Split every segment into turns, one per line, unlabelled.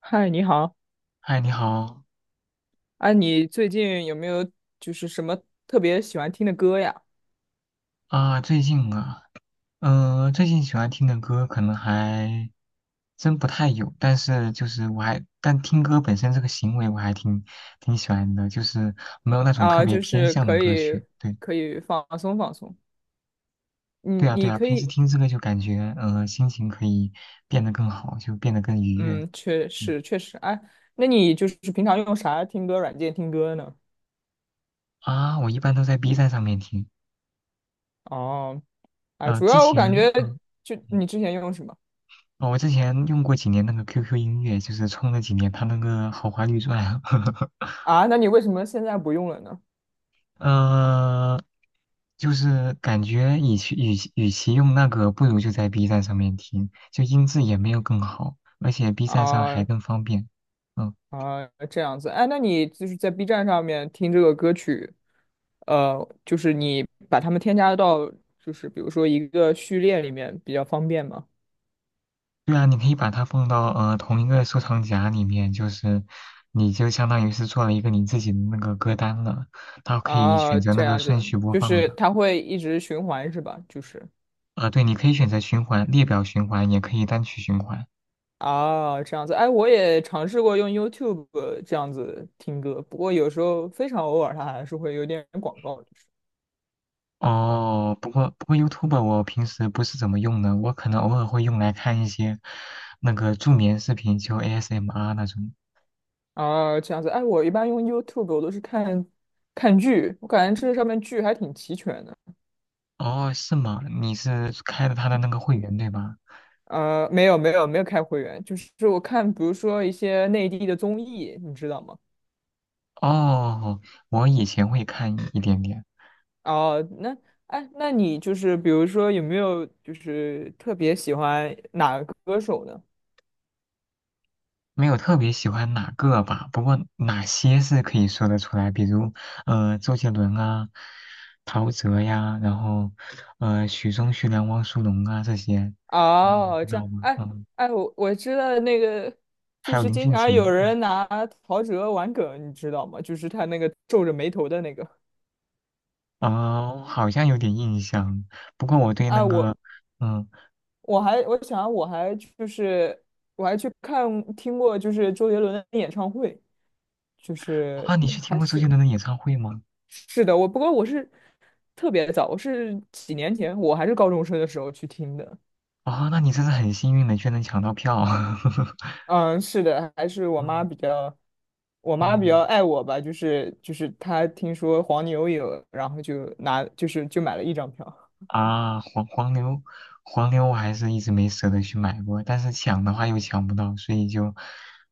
嗨，你好。
嗨，你好
啊，你最近有没有就是什么特别喜欢听的歌呀？
啊，最近啊，最近喜欢听的歌可能还真不太有，但是就是但听歌本身这个行为我还挺喜欢的，就是没有那种特
啊，
别
就
偏
是
向的
可
歌
以
曲。对，
可以放松放松。你
对啊，对
你
啊，
可
平时
以，
听这个就感觉，心情可以变得更好，就变得更愉悦。
嗯，确
嗯
实确实。哎，那你就是平常用啥听歌软件听歌呢？
我一般都在 B 站上面听，
哦。哎，主
之
要我
前
感觉就
嗯
你之前用什么
哦，我之前用过几年那个 QQ 音乐，就是充了几年它那个豪华绿钻，
啊？那你为什么现在不用了呢？
呃，就是感觉与其用那个，不如就在 B 站上面听，就音质也没有更好，而且 B 站上还
啊，
更方便。嗯，
啊，这样子。哎，那你就是在 B 站上面听这个歌曲，就是你把它们添加到，就是比如说一个序列里面比较方便吗？
对啊，你可以把它放到同一个收藏夹里面，就是你就相当于是做了一个你自己的那个歌单了，它可以
啊，
选择那
这
个
样
顺
子，
序播
就
放
是
的。
它会一直循环是吧？就是
对，你可以选择循环、列表循环，也可以单曲循环。
啊，这样子。哎，我也尝试过用 YouTube 这样子听歌，不过有时候非常偶尔，它还是会有点广告，就是
哦，不过 YouTube 我平时不是怎么用的，我可能偶尔会用来看一些那个助眠视频，就 ASMR 那种。
啊，这样子。哎，我一般用 YouTube 我都是看看剧，我感觉这上面剧还挺齐全的。
哦，是吗？你是开了他的那个会员对吧？
没有没有没有开会员，就是我看，比如说一些内地的综艺，你知道吗？
哦，我以前会看一点点，
哦，那哎，那你就是比如说有没有就是特别喜欢哪个歌手呢？
没有特别喜欢哪个吧，不过哪些是可以说得出来，比如周杰伦啊、陶喆呀，然后许嵩、徐良、汪苏泷啊这些，嗯，
哦，
知
这样。
道吗？
哎
嗯，
哎，我知道那个，
还
就
有
是
林
经
俊
常
杰。
有人拿陶喆玩梗，你知道吗？就是他那个皱着眉头的那个。
啊，我好像有点印象，不过我对那
哎，我
个，嗯，
我还我想我还就是我还去看听过就是周杰伦的演唱会，就是
啊，你去听
还
过周杰
是。
伦的演唱会吗？
是的，不过我是特别早，我是几年前，我还是高中生的时候去听的。
啊，那你真是很幸运的，居然能抢到票。
嗯，是的，还是我妈
嗯
比较，我妈比较
嗯，
爱我吧，就是她听说黄牛有，然后就拿就是就买了一张票。
啊，黄牛我还是一直没舍得去买过，但是抢的话又抢不到，所以就，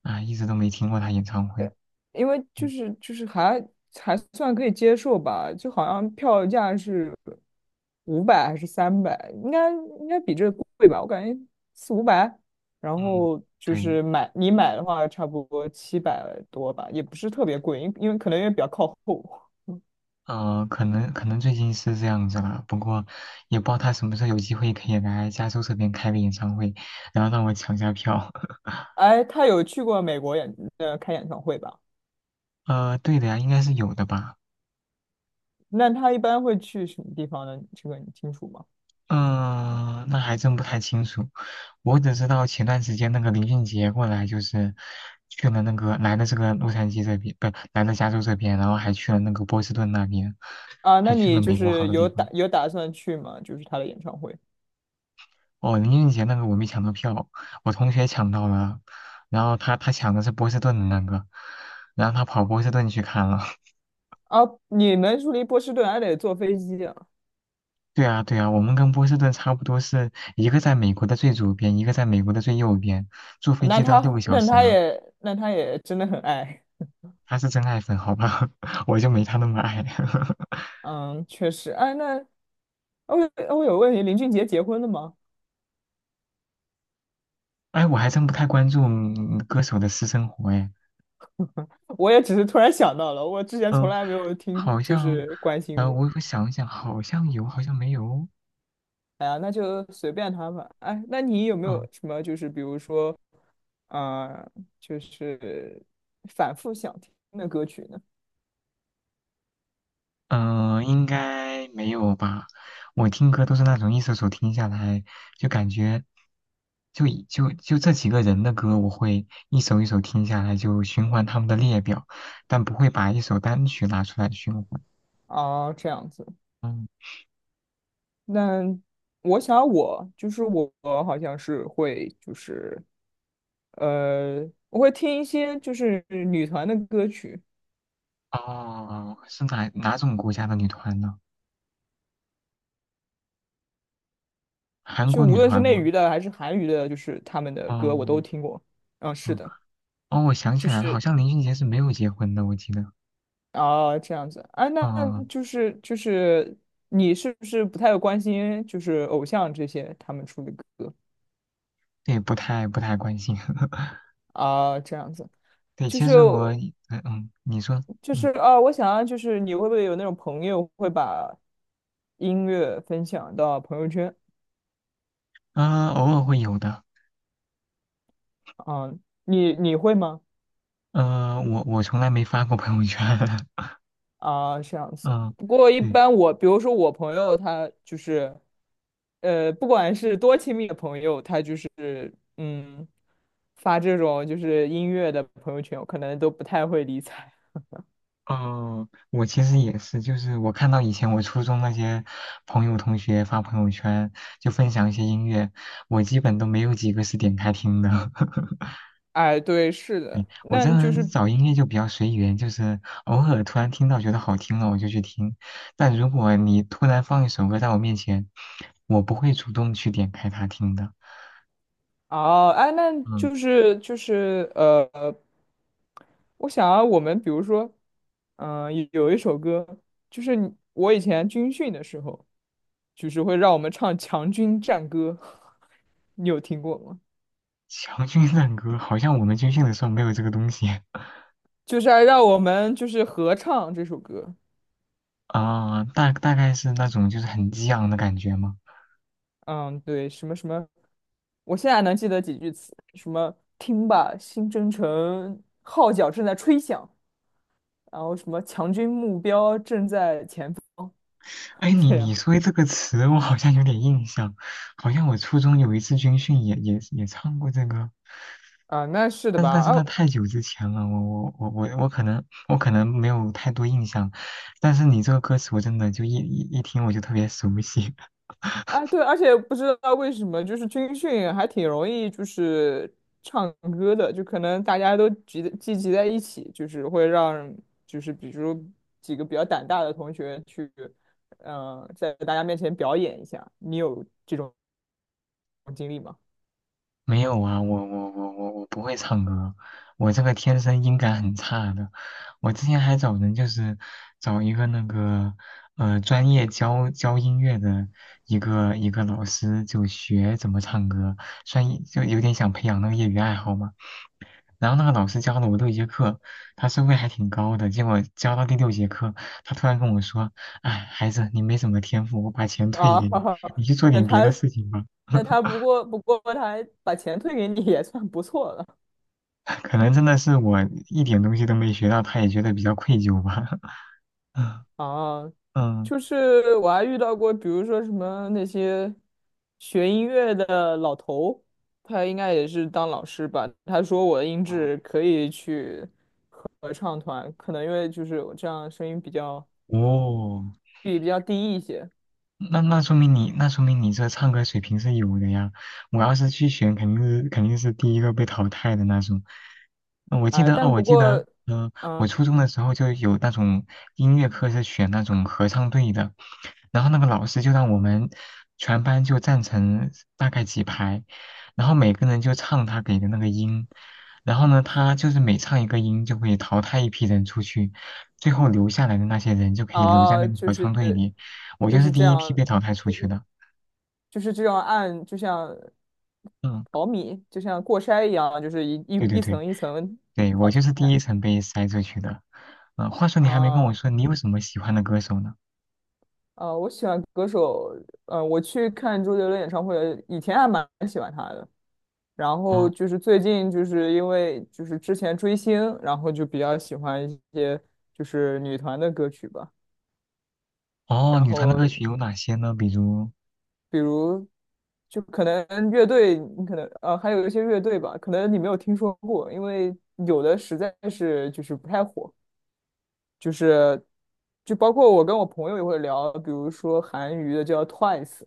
啊，一直都没听过他演唱会。
因为就
嗯
是就是还算可以接受吧，就好像票价是五百还是300，应该比这个贵吧，我感觉四五百，然
嗯，
后就
对，
是你买的话差不多700多吧，也不是特别贵，因为可能因为比较靠后。
可能最近是这样子了，不过也不知道他什么时候有机会可以来加州这边开个演唱会，然后让我抢下票。
哎，他有去过美国开演唱会吧？
对的呀，应该是有的吧。
那他一般会去什么地方呢？这个你清楚吗？
嗯、那还真不太清楚。我只知道前段时间那个林俊杰过来，就是去了那个来了这个洛杉矶这边，不来了加州这边，然后还去了那个波士顿那边，
啊，
还
那
去了
你就
美国好
是
多地
有打
方。
有打算去吗？就是他的演唱会。
哦，林俊杰那个我没抢到票，我同学抢到了，然后他抢的是波士顿的那个，然后他跑波士顿去看了。
啊，你们住离波士顿还得坐飞机啊？
对啊，对啊，我们跟波士顿差不多是一个在美国的最左边，一个在美国的最右边，坐飞
那
机都要六个
他
小
那
时
他
呢。
也那他也真的很爱。
他是真爱粉，好吧，我就没他那么爱。
嗯，确实。哎，那我我有问题，林俊杰结婚了吗？
哎，我还真不太关注歌手的私生活，哎，
我也只是突然想到了，我之前从
嗯，
来没有听，
好
就
像，
是关心过。
我想一想，好像有，好像没有，
哎呀，那就随便他吧。哎，那你有没有
嗯。
什么就是比如说，呃，就是反复想听的歌曲呢？
应该没有吧？我听歌都是那种一首首听下来，就感觉就以就就这几个人的歌，我会一首一首听下来，就循环他们的列表，但不会把一首单曲拿出来循环。
啊，这样子。
嗯，
那我想我就是我好像是会就是呃，我会听一些就是女团的歌曲，
哦，是哪种国家的女团呢？韩
就
国
无
女
论是
团
内
吗？
娱的还是韩娱的，就是他们的歌我都
哦，
听过。嗯，是
嗯，
的。
哦，我想起
就
来了，好
是
像林俊杰是没有结婚的，我记得。
啊，这样子啊，那
嗯，
就是你是不是不太关心就是偶像这些他们出的歌。
对，不太关心。
啊，这样子。
对，
就
其
是
实我，你说。
就是
嗯。
啊，我想要就是你会不会有那种朋友会把音乐分享到朋友圈？
啊，偶尔会有的。
嗯，你会吗？
我从来没发过朋友圈。
啊，这样子。
嗯，
不过一
对，
般我，比如说我朋友，他就是，不管是多亲密的朋友，他就是嗯，发这种就是音乐的朋友圈，我可能都不太会理睬。
哦，我其实也是，就是我看到以前我初中那些朋友同学发朋友圈，就分享一些音乐，我基本都没有几个是点开听的。
哎，对，是的，
我这
那就
人
是
找音乐就比较随缘，就是偶尔突然听到觉得好听了，我就去听。但如果你突然放一首歌在我面前，我不会主动去点开它听的。
哦。哎，那
嗯。
就是我想啊，我们比如说，有一首歌，就是你我以前军训的时候，就是会让我们唱《强军战歌》，你有听过吗？
强军战歌好像我们军训的时候没有这个东西
就是还让我们就是合唱这首歌。
啊，大概是那种就是很激昂的感觉吗？
嗯，对，什么什么，我现在能记得几句词，什么听吧，新征程号角正在吹响，然后什么强军目标正在前方，
哎，你
这
你
样。
说这个词，我好像有点印象，好像我初中有一次军训也唱过这个，
啊，那是的
但
吧？
但是
啊
那太久之前了，我可能没有太多印象，但是你这个歌词我真的就一听我就特别熟悉，
啊，对，而且不知道为什么，就是军训还挺容易，就是唱歌的，就可能大家都聚集在一起，就是会让，就是比如几个比较胆大的同学去，在大家面前表演一下。你有这种经历吗？
没有啊，我不会唱歌，我这个天生音感很差的。我之前还找人，就是找一个那个专业教教音乐的一个一个老师，就学怎么唱歌，就有点想培养那个业余爱好嘛。然后那个老师教了我六节课，他收费还挺高的。结果教到第六节课，他突然跟我说："哎，孩子，你没什么天赋，我把钱退
啊，
给你，你 去做
那
点别的
他，
事情吧。"
那他不过他还把钱退给你也算不错了。
可能真的是我一点东西都没学到，他也觉得比较愧疚吧。
啊，
嗯，
就是我还遇到过，比如说什么那些学音乐的老头，他应该也是当老师吧？他说我的音质可以去合唱团，可能因为就是我这样声音比较
哦，
比比较低一些。
那说明你这唱歌水平是有的呀。我要是去选，肯定是第一个被淘汰的那种。呃我记
哎，
得哦，
但
我
不
记得，
过，
嗯、我
嗯，
初中的时候就有那种音乐课是选那种合唱队的，然后那个老师就让我们全班就站成大概几排，然后每个人就唱他给的那个音，然后呢，他就是每唱一个音就会淘汰一批人出去，最后留下来的那些人就可以留在那
啊，
个
就
合唱
是
队里。我就
就
是
是这
第一批
样，
被淘汰出去的。
就是这样按，就像
嗯，
淘米，就像过筛一样，就是
对对
一
对，
层一层，
对，我就是第
哎，
一层被筛出去的。话说你还没跟我
啊。
说你有什么喜欢的歌手呢？
我喜欢歌手，我去看周杰伦演唱会，以前还蛮喜欢他的，然后
哦，
就是最近就是因为就是之前追星，然后就比较喜欢一些就是女团的歌曲吧，
哦，
然
女团的
后
歌曲有哪些呢？比如，
比如就可能乐队，你可能还有一些乐队吧，可能你没有听说过，因为有的实在是就是不太火，就是就包括我跟我朋友也会聊，比如说韩娱的叫 Twice。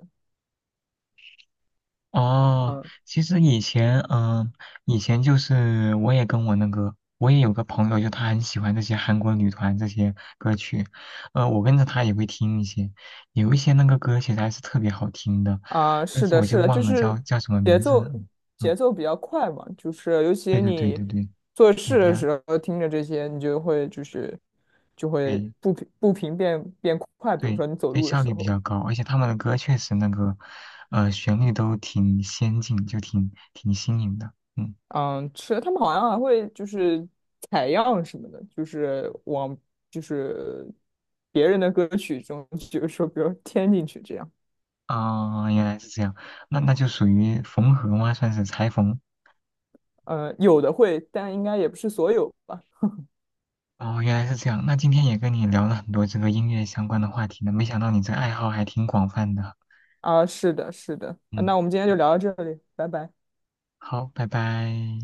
哦，
嗯。
其实以前，以前就是我也跟我那个，我也有个朋友，就他很喜欢这些韩国女团这些歌曲，我跟着他也会听一些，有一些那个歌其实还是特别好听的，
啊，
但
是
是
的，
我就
是的，就
忘了叫
是
叫什么
节
名字了。
奏
嗯，
节奏比较快嘛，就是尤
对
其
对对
你
对对，
做
对，
事
比
的
较
时候听着这些，你就会就是就会
对
步频变快，比如
对
说你走
对，
路的
效
时
率比
候，
较高，而且他们的歌确实那个，旋律都挺先进，就挺新颖的。嗯，
嗯，是的，他们好像还会就是采样什么的，就是往就是别人的歌曲中，就是说比如添进去这样。
啊，原来是这样，那就属于缝合吗？算是裁缝。
嗯，有的会，但应该也不是所有吧。
哦，原来是这样。那今天也跟你聊了很多这个音乐相关的话题呢，没想到你这爱好还挺广泛的。
啊，是的，是的，啊
嗯，
那我们今天就聊到这里，拜拜。
好，拜拜。